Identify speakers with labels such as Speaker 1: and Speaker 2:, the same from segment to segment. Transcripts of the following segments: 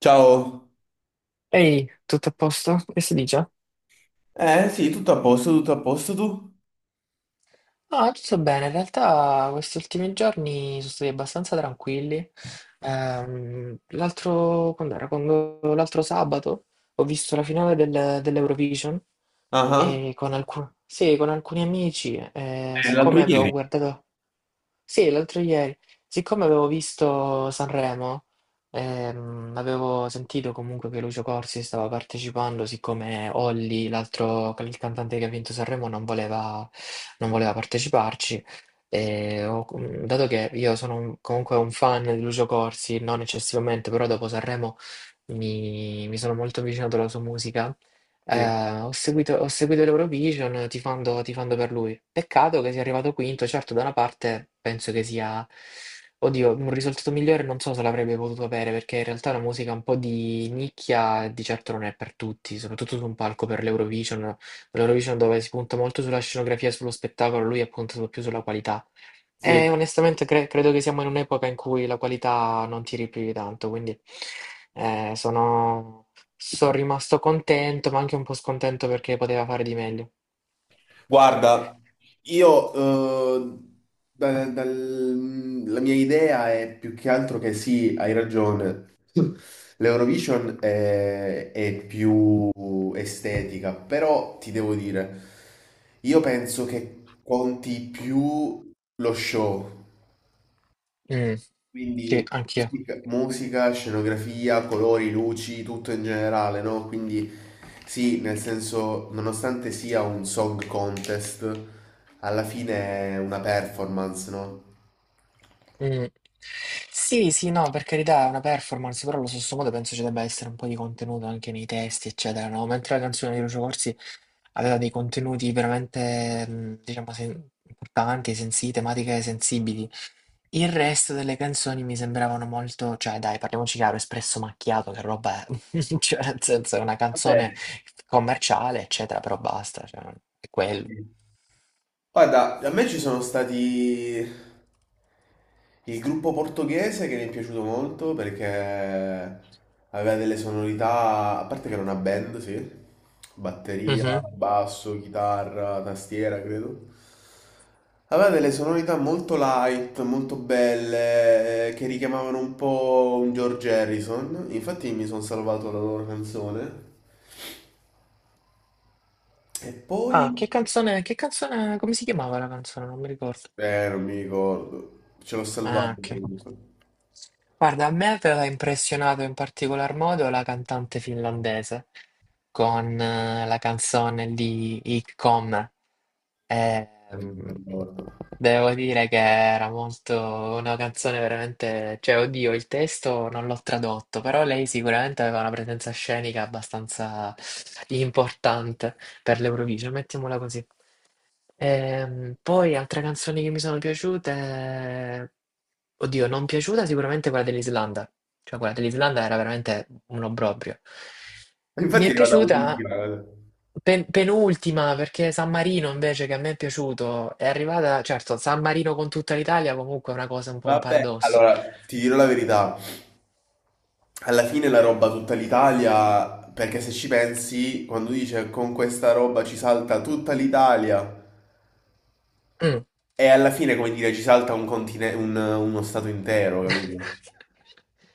Speaker 1: Ciao.
Speaker 2: Ehi, tutto a posto? Che si dice?
Speaker 1: Eh sì, tutto a posto tu?
Speaker 2: Ah, tutto bene. In realtà questi ultimi giorni sono stati abbastanza tranquilli. L'altro, quando era? L'altro sabato ho visto la finale dell'Eurovision
Speaker 1: Ah, ah.
Speaker 2: e sì, con alcuni amici.
Speaker 1: L'altro
Speaker 2: Siccome avevo
Speaker 1: ieri.
Speaker 2: guardato, sì, l'altro ieri, siccome avevo visto Sanremo, avevo sentito comunque che Lucio Corsi stava partecipando, siccome Olli, l'altro il cantante che ha vinto Sanremo, non voleva, non voleva parteciparci. Dato che io sono comunque un fan di Lucio Corsi, non eccessivamente, però dopo Sanremo mi sono molto avvicinato alla sua musica.
Speaker 1: Sì,
Speaker 2: Ho seguito, ho seguito l'Eurovision tifando, tifando per lui. Peccato che sia arrivato quinto. Certo, da una parte penso che sia, oddio, un risultato migliore non so se l'avrebbe potuto avere, perché in realtà la musica un po' di nicchia di certo non è per tutti, soprattutto su un palco per l'Eurovision, l'Eurovision dove si punta molto sulla scenografia e sullo spettacolo, lui ha puntato più sulla qualità.
Speaker 1: sì.
Speaker 2: E onestamente credo che siamo in un'epoca in cui la qualità non tiri più di tanto, quindi eh, sono, sono rimasto contento, ma anche un po' scontento perché poteva fare di meglio.
Speaker 1: Guarda, io eh, la mia idea è più che altro che sì, hai ragione. L'Eurovision è più estetica, però ti devo dire, io penso che conti più lo show.
Speaker 2: Mm, sì,
Speaker 1: Quindi
Speaker 2: anch'io.
Speaker 1: musica, musica, scenografia, colori, luci, tutto in generale, no? Quindi sì, nel senso, nonostante sia un song contest, alla fine è una performance, no?
Speaker 2: Mm. Sì, sì, no, per carità, è una performance, però allo stesso modo penso ci debba essere un po' di contenuto anche nei testi, eccetera, no? Mentre la canzone di Lucio Corsi aveva dei contenuti veramente, mm, diciamo, importanti, sensibili, tematiche sensibili. Il resto delle canzoni mi sembravano molto, cioè dai, parliamoci chiaro, Espresso Macchiato che roba è? Cioè nel senso è una canzone
Speaker 1: Eh,
Speaker 2: commerciale, eccetera, però basta, cioè è quello.
Speaker 1: sì. Guarda, a me ci sono stati il gruppo portoghese che mi è piaciuto molto perché aveva delle sonorità, a parte che era una band, sì, batteria,
Speaker 2: Mh-mh.
Speaker 1: basso, chitarra, tastiera, credo. Aveva delle sonorità molto light, molto belle, che richiamavano un po' un George Harrison. Infatti mi sono salvato la loro canzone. E poi...
Speaker 2: Ah, che canzone, che canzone, come si chiamava la canzone? Non mi ricordo.
Speaker 1: Non mi ricordo. Ce l'ho
Speaker 2: Ah,
Speaker 1: salvato
Speaker 2: okay.
Speaker 1: comunque.
Speaker 2: Guarda, a me aveva impressionato in particolar modo la cantante finlandese, con la canzone di Hitcom.
Speaker 1: Non mi
Speaker 2: Ehm,
Speaker 1: ricordo.
Speaker 2: Devo dire che era molto una canzone veramente, cioè, oddio, il testo non l'ho tradotto, però lei sicuramente aveva una presenza scenica abbastanza importante per l'Eurovision, mettiamola così. Poi altre canzoni che mi sono piaciute, oddio, non piaciuta sicuramente quella dell'Islanda, cioè quella dell'Islanda era veramente un obbrobrio. Mi
Speaker 1: Infatti è
Speaker 2: è
Speaker 1: arrivata
Speaker 2: piaciuta
Speaker 1: ultima, guarda.
Speaker 2: penultima perché San Marino invece, che a me è piaciuto, è arrivata, certo, San Marino con tutta l'Italia comunque è una cosa un po' un
Speaker 1: Vabbè,
Speaker 2: paradosso.
Speaker 1: allora ti dirò la verità. Alla fine la roba tutta l'Italia, perché se ci pensi, quando dice con questa roba ci salta tutta l'Italia,
Speaker 2: Mm.
Speaker 1: e alla fine, come dire, ci salta un continente, uno stato intero, capito?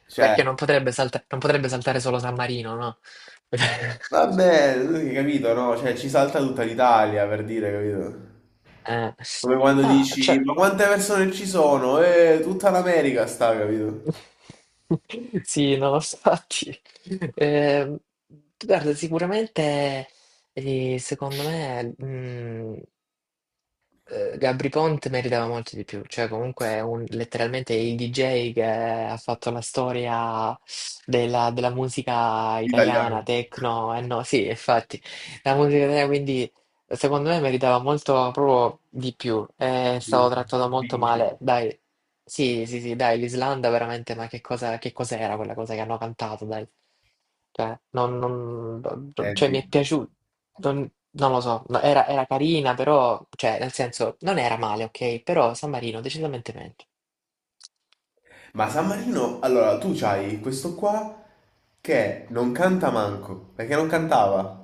Speaker 1: Cioè,
Speaker 2: Perché non potrebbe non potrebbe saltare solo San Marino, no?
Speaker 1: vabbè, tu hai capito, no? Cioè, ci salta tutta l'Italia, per dire, capito?
Speaker 2: Eh,
Speaker 1: Come quando
Speaker 2: ma
Speaker 1: dici,
Speaker 2: cioè,
Speaker 1: ma quante persone ci sono? Tutta l'America sta, capito?
Speaker 2: sì, no, infatti, ehm, guarda, sicuramente, eh, secondo me, mm, Gabri Ponte meritava molto di più, cioè comunque è letteralmente il DJ che ha fatto la storia della, della musica italiana,
Speaker 1: L'italiano.
Speaker 2: techno, e no, sì, infatti, la musica italiana quindi... Secondo me meritava molto proprio di più, è stato trattato molto
Speaker 1: Vinci.
Speaker 2: male. Dai, sì, sì, sì, dai, l'Islanda veramente, ma che cosa, che cos'era quella cosa che hanno cantato, dai? Cioè, cioè,
Speaker 1: Senti.
Speaker 2: mi è piaciuto, non, non lo so, no, era, era carina, però, cioè, nel senso, non era male, ok? Però San Marino decisamente meglio.
Speaker 1: Ma San Marino, allora tu c'hai questo qua che non canta manco, perché non cantava.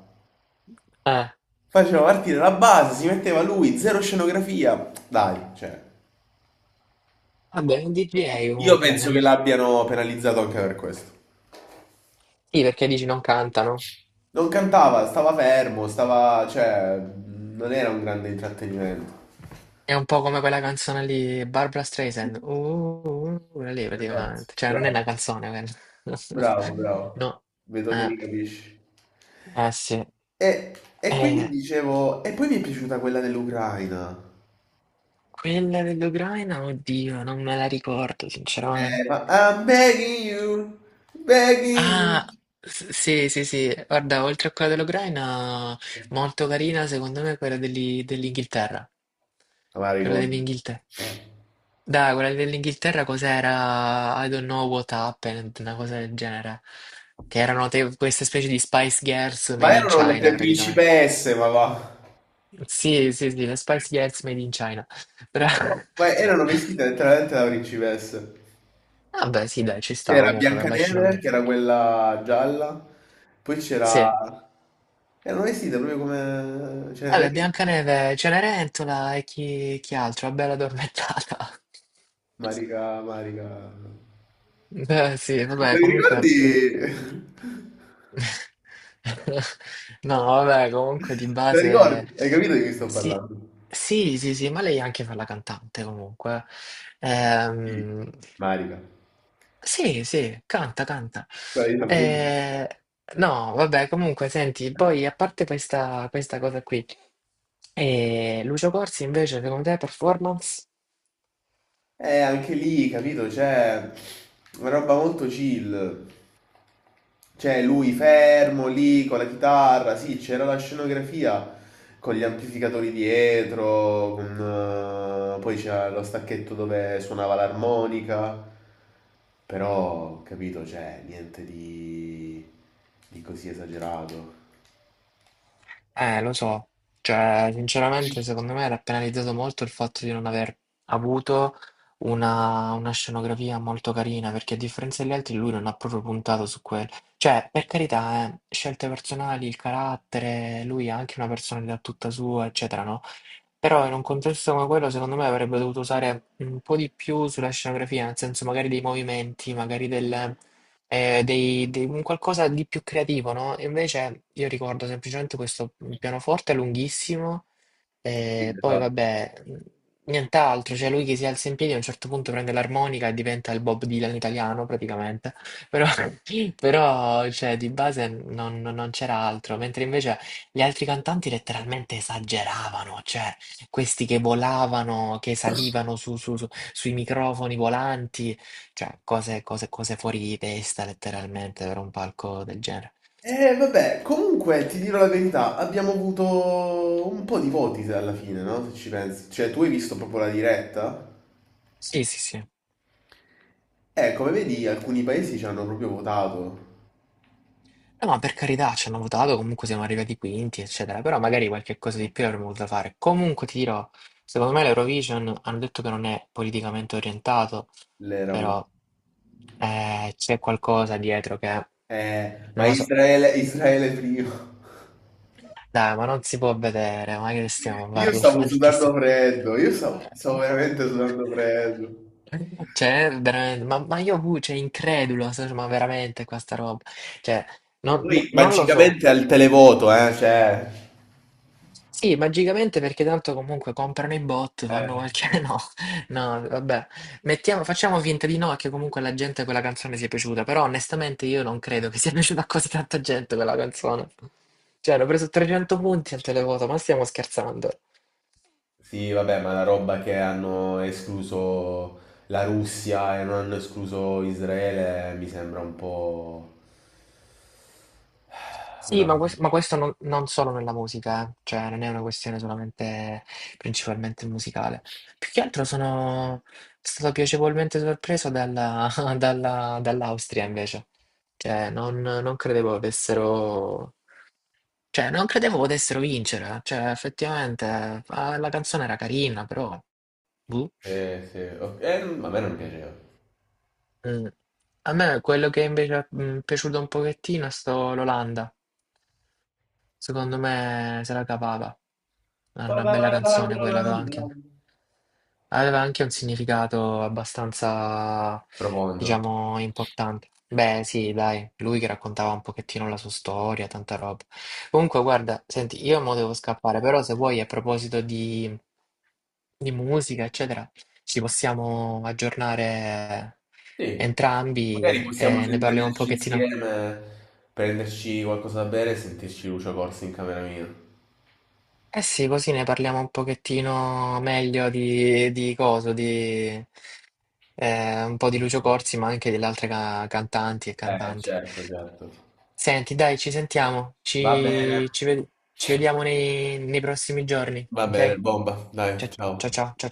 Speaker 2: Eh,
Speaker 1: Faceva partire la base, si metteva lui, zero scenografia. Dai, cioè,
Speaker 2: vabbè, è un DJ
Speaker 1: io
Speaker 2: comunque.
Speaker 1: penso che l'abbiano penalizzato anche per questo.
Speaker 2: Sì, perché dici non cantano.
Speaker 1: Non cantava, stava fermo, stava, cioè, non era un grande intrattenimento.
Speaker 2: È un po' come quella canzone lì, Barbra Streisand. Quella lì
Speaker 1: Esatto,
Speaker 2: praticamente. Cioè, non è
Speaker 1: bravo,
Speaker 2: una canzone quella.
Speaker 1: bravo, bravo.
Speaker 2: No.
Speaker 1: Vedo che
Speaker 2: Eh,
Speaker 1: mi capisci.
Speaker 2: eh sì.
Speaker 1: E, e quindi
Speaker 2: Eh,
Speaker 1: dicevo, e poi mi è piaciuta quella dell'Ucraina.
Speaker 2: Quella dell'Ucraina, oddio, non me la ricordo, sinceramente.
Speaker 1: I'm begging you, begging you.
Speaker 2: Ah, sì, sì, sì, guarda, oltre a quella dell'Ucraina, molto carina, secondo me, quella dell'Inghilterra.
Speaker 1: Ma me la
Speaker 2: Quella
Speaker 1: ricordo.
Speaker 2: dell'Inghilterra. Dai, quella dell'Inghilterra cos'era? I don't know what happened, una cosa del genere. Che erano queste specie di Spice Girls made
Speaker 1: Ma
Speaker 2: in
Speaker 1: erano
Speaker 2: China,
Speaker 1: le
Speaker 2: praticamente.
Speaker 1: principesse, ma va.
Speaker 2: Sì, sì, sì, le Spice Girls made in China. Però-
Speaker 1: No, ma erano vestite letteralmente da principesse.
Speaker 2: Vabbè, sì, dai, ci sta
Speaker 1: C'era
Speaker 2: comunque per la
Speaker 1: Biancaneve,
Speaker 2: scenografia.
Speaker 1: che era quella gialla, poi c'era...
Speaker 2: Sì.
Speaker 1: Erano vestite proprio come
Speaker 2: Vabbè,
Speaker 1: Cenerentola.
Speaker 2: Biancaneve, Cenerentola e chi, chi altro? La Bella Addormentata.
Speaker 1: Marica, Marica...
Speaker 2: Beh, sì,
Speaker 1: Te
Speaker 2: vabbè,
Speaker 1: li
Speaker 2: comunque...
Speaker 1: ricordi?
Speaker 2: di- No, vabbè, comunque di
Speaker 1: Te li
Speaker 2: base...
Speaker 1: ricordi? Hai capito di chi sto
Speaker 2: Sì,
Speaker 1: parlando?
Speaker 2: sì, sì, sì, ma lei anche fa la cantante comunque.
Speaker 1: Chi?
Speaker 2: Ehm,
Speaker 1: Marica,
Speaker 2: Sì, sì, canta, canta.
Speaker 1: quella di San Pietro.
Speaker 2: Eh, no, vabbè, comunque, senti, poi a parte questa, questa cosa qui, Lucio Corsi invece, secondo te, performance?
Speaker 1: Anche lì, capito? Cioè, una roba molto chill. Cioè, lui fermo lì con la chitarra, sì, c'era la scenografia con gli amplificatori dietro, con, poi c'era lo stacchetto dove suonava l'armonica, però, capito? Cioè, niente di, di così esagerato.
Speaker 2: Lo so, cioè, sinceramente, secondo me era penalizzato molto il fatto di non aver avuto una scenografia molto carina, perché a differenza degli altri lui non ha proprio puntato su quello. Cioè, per carità, scelte personali, il carattere, lui ha anche una personalità tutta sua, eccetera, no? Però in un contesto come quello, secondo me avrebbe dovuto usare un po' di più sulla scenografia, nel senso magari dei movimenti, magari del, un qualcosa di più creativo, no? E invece io ricordo semplicemente questo pianoforte lunghissimo e poi vabbè, nient'altro, cioè lui che si alza in piedi a un certo punto, prende l'armonica e diventa il Bob Dylan italiano praticamente, però, però, cioè, di base non c'era altro, mentre invece gli altri cantanti letteralmente esageravano, cioè questi che volavano, che salivano sui microfoni volanti, cioè cose fuori di testa letteralmente per un palco del genere.
Speaker 1: Vabbè, comunque ti dirò la verità, abbiamo avuto un po' di voti alla fine, no? Se ci pensi. Cioè, tu hai visto proprio la diretta?
Speaker 2: Sì, sì, sì.
Speaker 1: Come vedi, alcuni paesi ci hanno proprio votato
Speaker 2: Ma per carità, ci hanno votato, comunque siamo arrivati quinti, eccetera, però magari qualche cosa di più avremmo voluto fare. Comunque ti dirò, secondo me l'Eurovision hanno detto che non è politicamente orientato,
Speaker 1: l'Eramo.
Speaker 2: però c'è qualcosa dietro che
Speaker 1: Ma
Speaker 2: non lo so.
Speaker 1: Israele, Israele prima.
Speaker 2: Dai, ma non si può vedere, ma che stiamo
Speaker 1: Io
Speaker 2: parlando?
Speaker 1: stavo
Speaker 2: Ma di che
Speaker 1: sudando
Speaker 2: stiamo...
Speaker 1: freddo, io stavo, stavo veramente sudando freddo.
Speaker 2: Cioè, veramente, ma io, cioè, incredulo, ma veramente questa roba, cioè,
Speaker 1: Poi
Speaker 2: non lo so.
Speaker 1: magicamente al televoto, cioè...
Speaker 2: Sì, magicamente perché tanto comunque comprano i bot, fanno
Speaker 1: eh.
Speaker 2: qualche... No, no, vabbè. Mettiamo, facciamo finta di no, che comunque alla gente quella canzone sia piaciuta, però onestamente io non credo che sia piaciuta a così tanta gente quella canzone. Cioè, hanno preso 300 punti al televoto, ma stiamo scherzando.
Speaker 1: Sì, vabbè, ma la roba che hanno escluso la Russia e non hanno escluso Israele mi sembra un po'
Speaker 2: Sì,
Speaker 1: una
Speaker 2: ma,
Speaker 1: cosa.
Speaker 2: ma questo non, non solo nella musica, eh. Cioè non è una questione solamente principalmente musicale. Più che altro sono stato piacevolmente sorpreso dall'Austria invece. Cioè non, non credevo avessero... Cioè non credevo potessero vincere. Cioè effettivamente la canzone era carina, però... boh.
Speaker 1: Sì, sì. Ok, a me non piaceva.
Speaker 2: Mm. A me quello che invece è, mm, piaciuto un pochettino è stato l'Olanda. Secondo me se la cavava. Era una bella canzone quella, aveva anche un significato abbastanza,
Speaker 1: Profondo.
Speaker 2: diciamo, importante. Beh, sì, dai, lui che raccontava un pochettino la sua storia, tanta roba. Comunque, guarda, senti, io mo devo scappare, però se vuoi, a proposito di musica, eccetera, ci possiamo aggiornare
Speaker 1: Sì, magari
Speaker 2: entrambi
Speaker 1: possiamo
Speaker 2: e ne parliamo un
Speaker 1: vederci
Speaker 2: pochettino.
Speaker 1: insieme, prenderci qualcosa da bere e sentirci Lucio Corsi in camera mia.
Speaker 2: Eh sì, così ne parliamo un pochettino meglio di coso, di un po' di Lucio Corsi, ma anche delle altre cantanti e cantanti.
Speaker 1: Certo, certo.
Speaker 2: Senti, dai, ci sentiamo,
Speaker 1: Va bene.
Speaker 2: ci vediamo nei, nei prossimi giorni,
Speaker 1: Va bene,
Speaker 2: ok?
Speaker 1: bomba. Dai,
Speaker 2: ciao
Speaker 1: ciao.
Speaker 2: ciao ciao. Ciao.